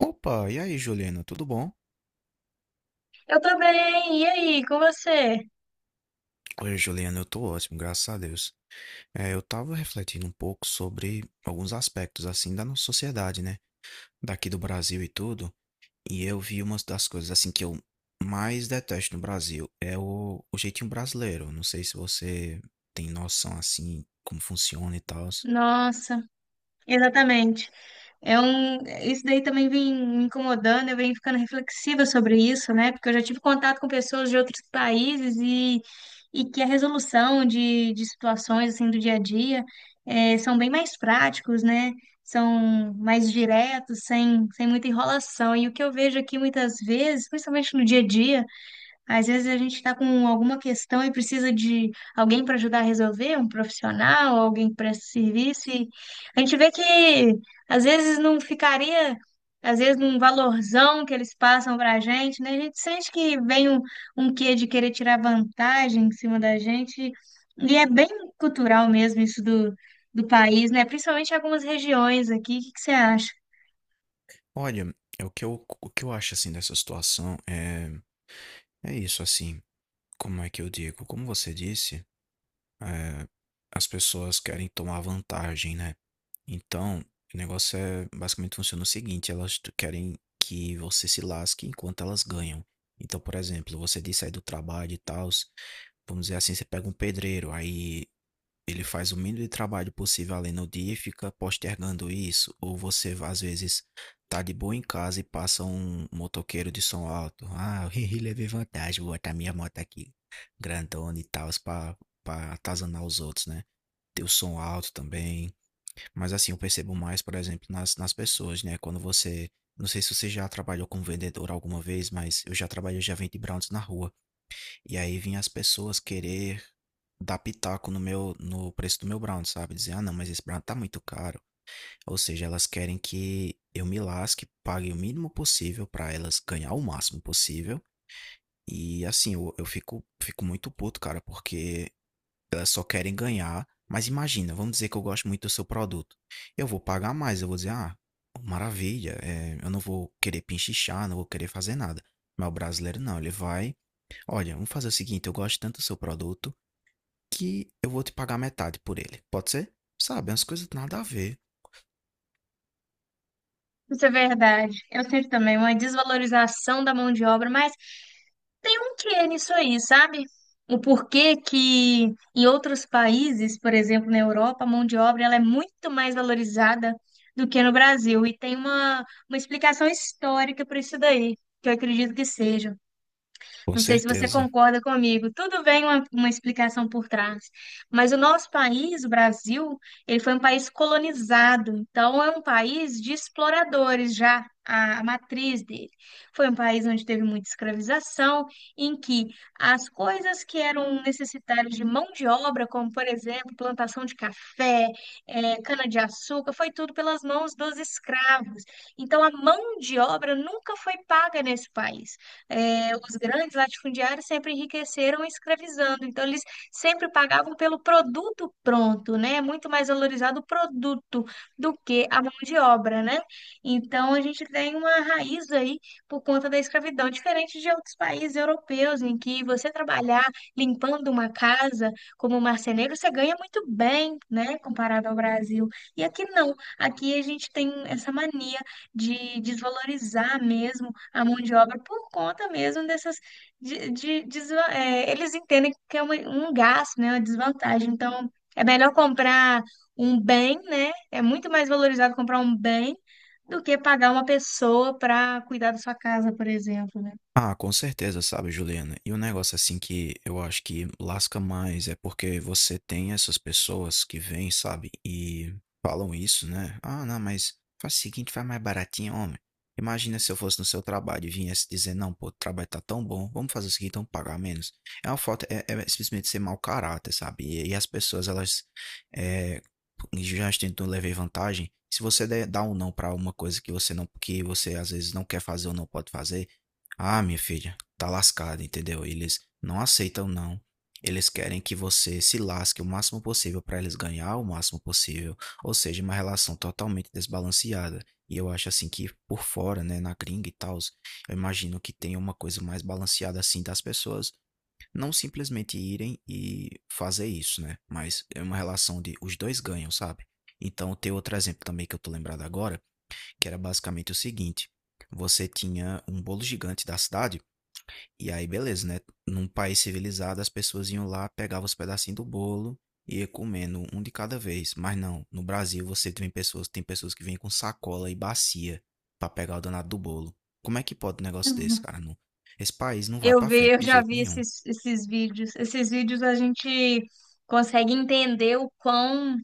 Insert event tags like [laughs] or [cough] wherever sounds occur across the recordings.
Opa, e aí, Juliana, tudo bom? Eu tô bem. E aí, com você? Oi, Juliana, eu tô ótimo, graças a Deus. É, eu tava refletindo um pouco sobre alguns aspectos, assim, da nossa sociedade, né? Daqui do Brasil e tudo. E eu vi uma das coisas, assim, que eu mais detesto no Brasil é o jeitinho brasileiro. Não sei se você tem noção, assim, como funciona e tal. Nossa, exatamente. É um, isso daí também vem me incomodando, eu venho ficando reflexiva sobre isso, né? Porque eu já tive contato com pessoas de outros países e que a resolução de situações assim do dia a dia são bem mais práticos, né? São mais diretos, sem muita enrolação. E o que eu vejo aqui muitas vezes, principalmente no dia a dia, às vezes a gente está com alguma questão e precisa de alguém para ajudar a resolver, um profissional, alguém que presta serviço. E a gente vê que às vezes não ficaria, às vezes, num valorzão que eles passam para a gente, né? A gente sente que vem um quê de querer tirar vantagem em cima da gente. E é bem cultural mesmo isso do país, né? Principalmente em algumas regiões aqui. O que que você acha? Olha, é o que eu acho, assim, dessa situação é, é isso, assim. Como é que eu digo? Como você disse. é, As pessoas querem tomar vantagem, né? Então, o negócio é basicamente funciona o seguinte: querem que você se lasque enquanto elas ganham. Então, por exemplo, você disse aí do trabalho e tal, vamos dizer assim, você pega um pedreiro, aí ele faz o mínimo de trabalho possível ali no dia e fica postergando isso, ou você às vezes tá de boa em casa e passa um motoqueiro de som alto. Ah, [laughs] eu levei vantagem, vou botar minha moto aqui, grandona e tal, pra atazanar os outros, né? Ter o som alto também. Mas assim, eu percebo mais, por exemplo, nas pessoas, né? Quando você. Não sei se você já trabalhou como vendedor alguma vez, mas eu já trabalhei, eu já vendi brownies na rua. E aí vinha as pessoas querer dar pitaco no meu, no preço do meu brownie, sabe? Dizer, ah, não, mas esse brownie tá muito caro. Ou seja, elas querem que eu me lasque, pague o mínimo possível pra elas ganhar o máximo possível. E assim, eu fico, fico muito puto, cara, porque elas só querem ganhar. Mas imagina, vamos dizer que eu gosto muito do seu produto. Eu vou pagar mais, eu vou dizer, ah, maravilha, é, eu não vou querer pinchichar, não vou querer fazer nada. Mas o brasileiro não, ele vai, olha, vamos fazer o seguinte, eu gosto tanto do seu produto que eu vou te pagar metade por ele. Pode ser? Sabe, umas coisas nada a ver. Isso é verdade. Eu sinto também uma desvalorização da mão de obra, mas tem um quê nisso aí, sabe? O porquê que em outros países, por exemplo, na Europa, a mão de obra ela é muito mais valorizada do que no Brasil. E tem uma explicação histórica para isso daí, que eu acredito que seja. Com Não sei se você certeza. concorda comigo. Tudo bem uma explicação por trás, mas o nosso país, o Brasil, ele foi um país colonizado, então é um país de exploradores já, a matriz dele. Foi um país onde teve muita escravização, em que as coisas que eram necessitárias de mão de obra, como por exemplo, plantação de café, cana-de-açúcar, foi tudo pelas mãos dos escravos. Então a mão de obra nunca foi paga nesse país, os grandes latifundiários sempre enriqueceram escravizando. Então, eles sempre pagavam pelo produto pronto, né? É muito mais valorizado o produto do que a mão de obra, né? Então, a gente tem uma raiz aí por conta da escravidão, diferente de outros países europeus, em que você trabalhar limpando uma casa como marceneiro, você ganha muito bem, né? Comparado ao Brasil. E aqui não. Aqui a gente tem essa mania de desvalorizar mesmo a mão de obra por conta mesmo dessas é, eles entendem que é uma- um gasto, né, uma desvantagem. Então, é melhor comprar um bem, né? É muito mais valorizado comprar um bem do que pagar uma pessoa para cuidar da sua casa, por exemplo, né? Ah, com certeza, sabe, Juliana? E um negócio assim que eu acho que lasca mais é porque você tem essas pessoas que vêm, sabe, e falam isso, né? Ah, não, mas faz o seguinte, faz mais baratinho, homem. Imagina se eu fosse no seu trabalho e viesse dizer, não, pô, o trabalho tá tão bom, vamos fazer o seguinte, vamos pagar menos. É uma falta, é simplesmente ser mau caráter, sabe? E as pessoas, elas é, já tentam levar vantagem. Se você der, dá um não pra uma coisa que você não, que você às vezes não quer fazer ou não pode fazer, ah, minha filha, tá lascada, entendeu? Eles não aceitam não. Eles querem que você se lasque o máximo possível para eles ganhar o máximo possível, ou seja, uma relação totalmente desbalanceada. E eu acho assim que por fora, né, na gringa e tal, eu imagino que tenha uma coisa mais balanceada assim das pessoas não simplesmente irem e fazer isso, né? Mas é uma relação de os dois ganham, sabe? Então tem outro exemplo também que eu tô lembrado agora, que era basicamente o seguinte: você tinha um bolo gigante da cidade e aí, beleza, né? Num país civilizado, as pessoas iam lá, pegavam os pedacinhos do bolo e ia comendo um de cada vez. Mas não, no Brasil você tem pessoas que vêm com sacola e bacia pra pegar o danado do bolo. Como é que pode um negócio desse, Uhum. cara? Não, esse país não vai pra frente Eu de já jeito vi nenhum. Esses vídeos. Esses vídeos a gente consegue entender o quão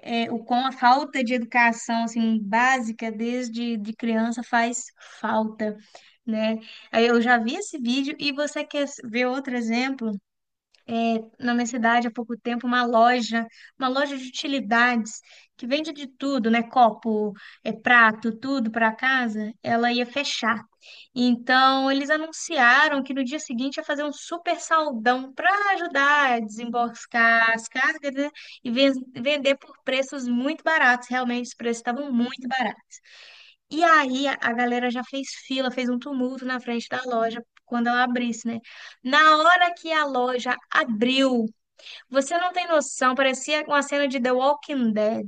o quão a falta de educação assim básica desde de criança faz falta, né? Aí eu já vi esse vídeo e você quer ver outro exemplo? Na minha cidade há pouco tempo uma loja de utilidades que vende de tudo, né? Copo, é, prato, tudo para casa. Ela ia fechar. Então eles anunciaram que no dia seguinte ia fazer um super saldão para ajudar a desembarcar as cargas, né? E vender por preços muito baratos. Realmente os preços estavam muito baratos. E aí a galera já fez fila, fez um tumulto na frente da loja quando ela abrisse, né? Na hora que a loja abriu, você não tem noção, parecia uma cena de The Walking Dead.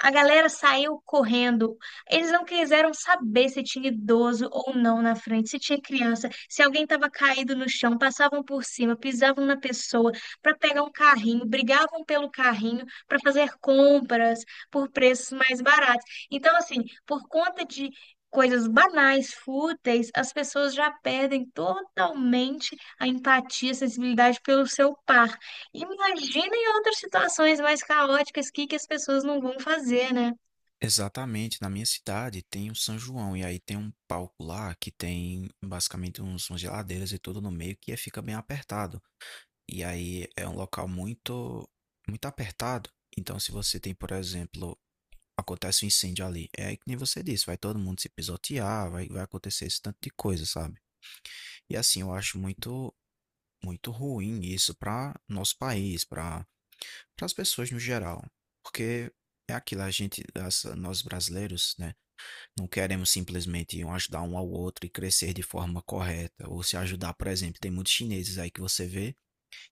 A galera saiu correndo. Eles não quiseram saber se tinha idoso ou não na frente, se tinha criança, se alguém estava caído no chão, passavam por cima, pisavam na pessoa para pegar um carrinho, brigavam pelo carrinho para fazer compras por preços mais baratos. Então, assim, por conta de coisas banais, fúteis, as pessoas já perdem totalmente a empatia, a sensibilidade pelo seu par. Imagina em outras situações mais caóticas, o que que as pessoas não vão fazer, né? Exatamente, na minha cidade tem o São João e aí tem um palco lá que tem basicamente uns, umas geladeiras e tudo no meio que fica bem apertado. E aí é um local muito, muito apertado. Então, se você tem, por exemplo, acontece um incêndio ali, é que nem você disse, vai todo mundo se pisotear, vai acontecer esse tanto de coisa, sabe? E assim, eu acho muito, muito ruim isso para nosso país, para as pessoas no geral. Porque é aquilo, a gente, as- nós brasileiros, né, não queremos simplesmente um ajudar um ao outro e crescer de forma correta, ou se ajudar, por exemplo, tem muitos chineses aí que você vê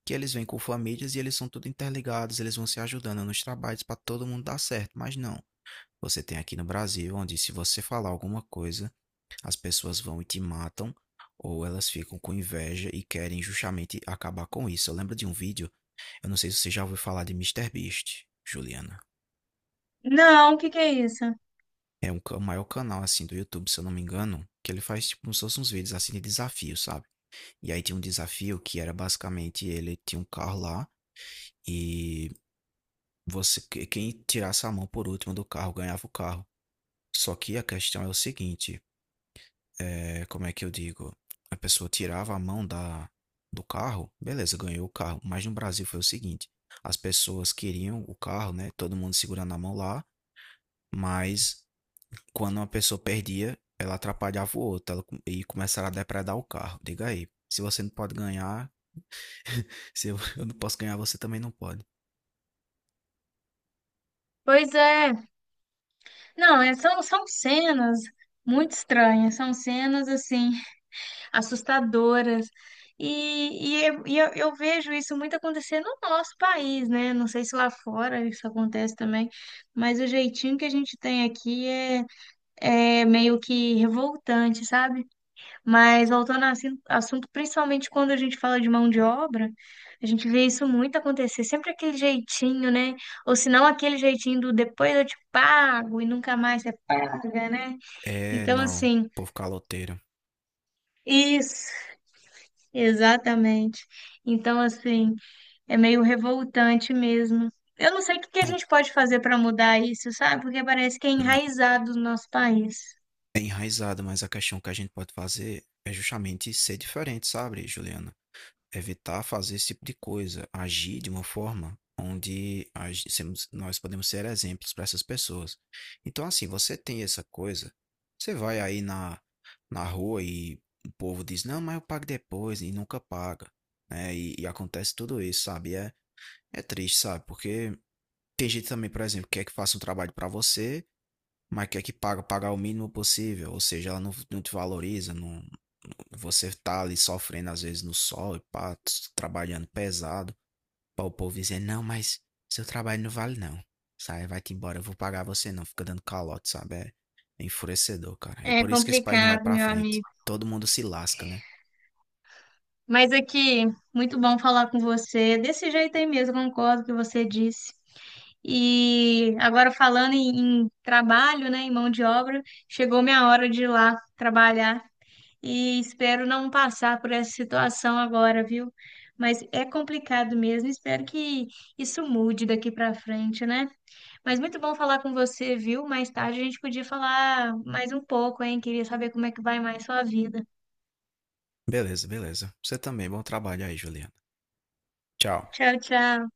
que eles vêm com famílias e eles são tudo interligados, eles vão se ajudando nos trabalhos para todo mundo dar certo, mas não. Você tem aqui no Brasil, onde se você falar alguma coisa, as pessoas vão e te matam, ou elas ficam com inveja e querem justamente acabar com isso. Eu lembro de um vídeo, eu não sei se você já ouviu falar de MrBeast, Juliana. Não, o que que é isso? É um, o maior canal assim do YouTube, se eu não me engano, que ele faz tipo como se fossem uns vídeos assim de desafio, sabe? E aí tinha um desafio que era basicamente ele tinha um carro lá e você, quem tirasse a mão por último do carro ganhava o carro. Só que a questão é o seguinte, é, como é que eu digo? A pessoa tirava a mão da, do carro, beleza, ganhou o carro. Mas no Brasil foi o seguinte, as pessoas queriam o carro, né? Todo mundo segurando a mão lá, mas quando uma pessoa perdia, ela atrapalhava o outro, e começaram a depredar o carro. Diga aí, se você não pode ganhar, [laughs] se eu, eu não posso ganhar, você também não pode. Pois é. Não, são, são cenas muito estranhas, são cenas, assim, assustadoras. E eu vejo isso muito acontecer no nosso país, né? Não sei se lá fora isso acontece também, mas o jeitinho que a gente tem aqui é meio que revoltante, sabe? Mas voltando ao assunto, principalmente quando a gente fala de mão de obra, a gente vê isso muito acontecer, sempre aquele jeitinho, né? Ou se não aquele jeitinho do depois eu te pago e nunca mais você paga, né? É, Então, não, assim, povo caloteiro. isso, exatamente. Então, assim, é meio revoltante mesmo. Eu não sei o que que a gente pode fazer para mudar isso, sabe? Porque parece que é Não, enraizado no nosso país. é enraizado, mas a questão que a gente pode fazer é justamente ser diferente, sabe, Juliana? Evitar fazer esse tipo de coisa, agir de uma forma onde nós podemos ser exemplos para essas pessoas. Então, assim, você tem essa coisa, você vai aí na rua e o povo diz, não, mas eu pago depois e nunca paga, né? E acontece tudo isso, sabe? E é, é triste, sabe? Porque tem gente também, por exemplo, que quer que faça um trabalho para você mas quer que pagar o mínimo possível, ou seja, ela não te valoriza, não, você tá ali sofrendo às vezes no sol e pá, trabalhando pesado, para o povo dizer, não, mas seu trabalho não vale não, sai, vai-te embora, eu vou pagar você não, fica dando calote, sabe, é, é enfurecedor, cara, é É por isso que esse país não vai complicado, pra meu frente, amigo. todo mundo se lasca, né? Mas aqui, muito bom falar com você. Desse jeito aí mesmo, concordo com o que você disse. E agora falando em trabalho, né, em mão de obra, chegou minha hora de ir lá trabalhar e espero não passar por essa situação agora, viu? Mas é complicado mesmo, espero que isso mude daqui para frente, né? Mas muito bom falar com você, viu? Mais tarde a gente podia falar mais um pouco, hein? Queria saber como é que vai mais sua vida. Beleza, beleza, você também, bom trabalho aí, Juliana, tchau. Tchau, tchau.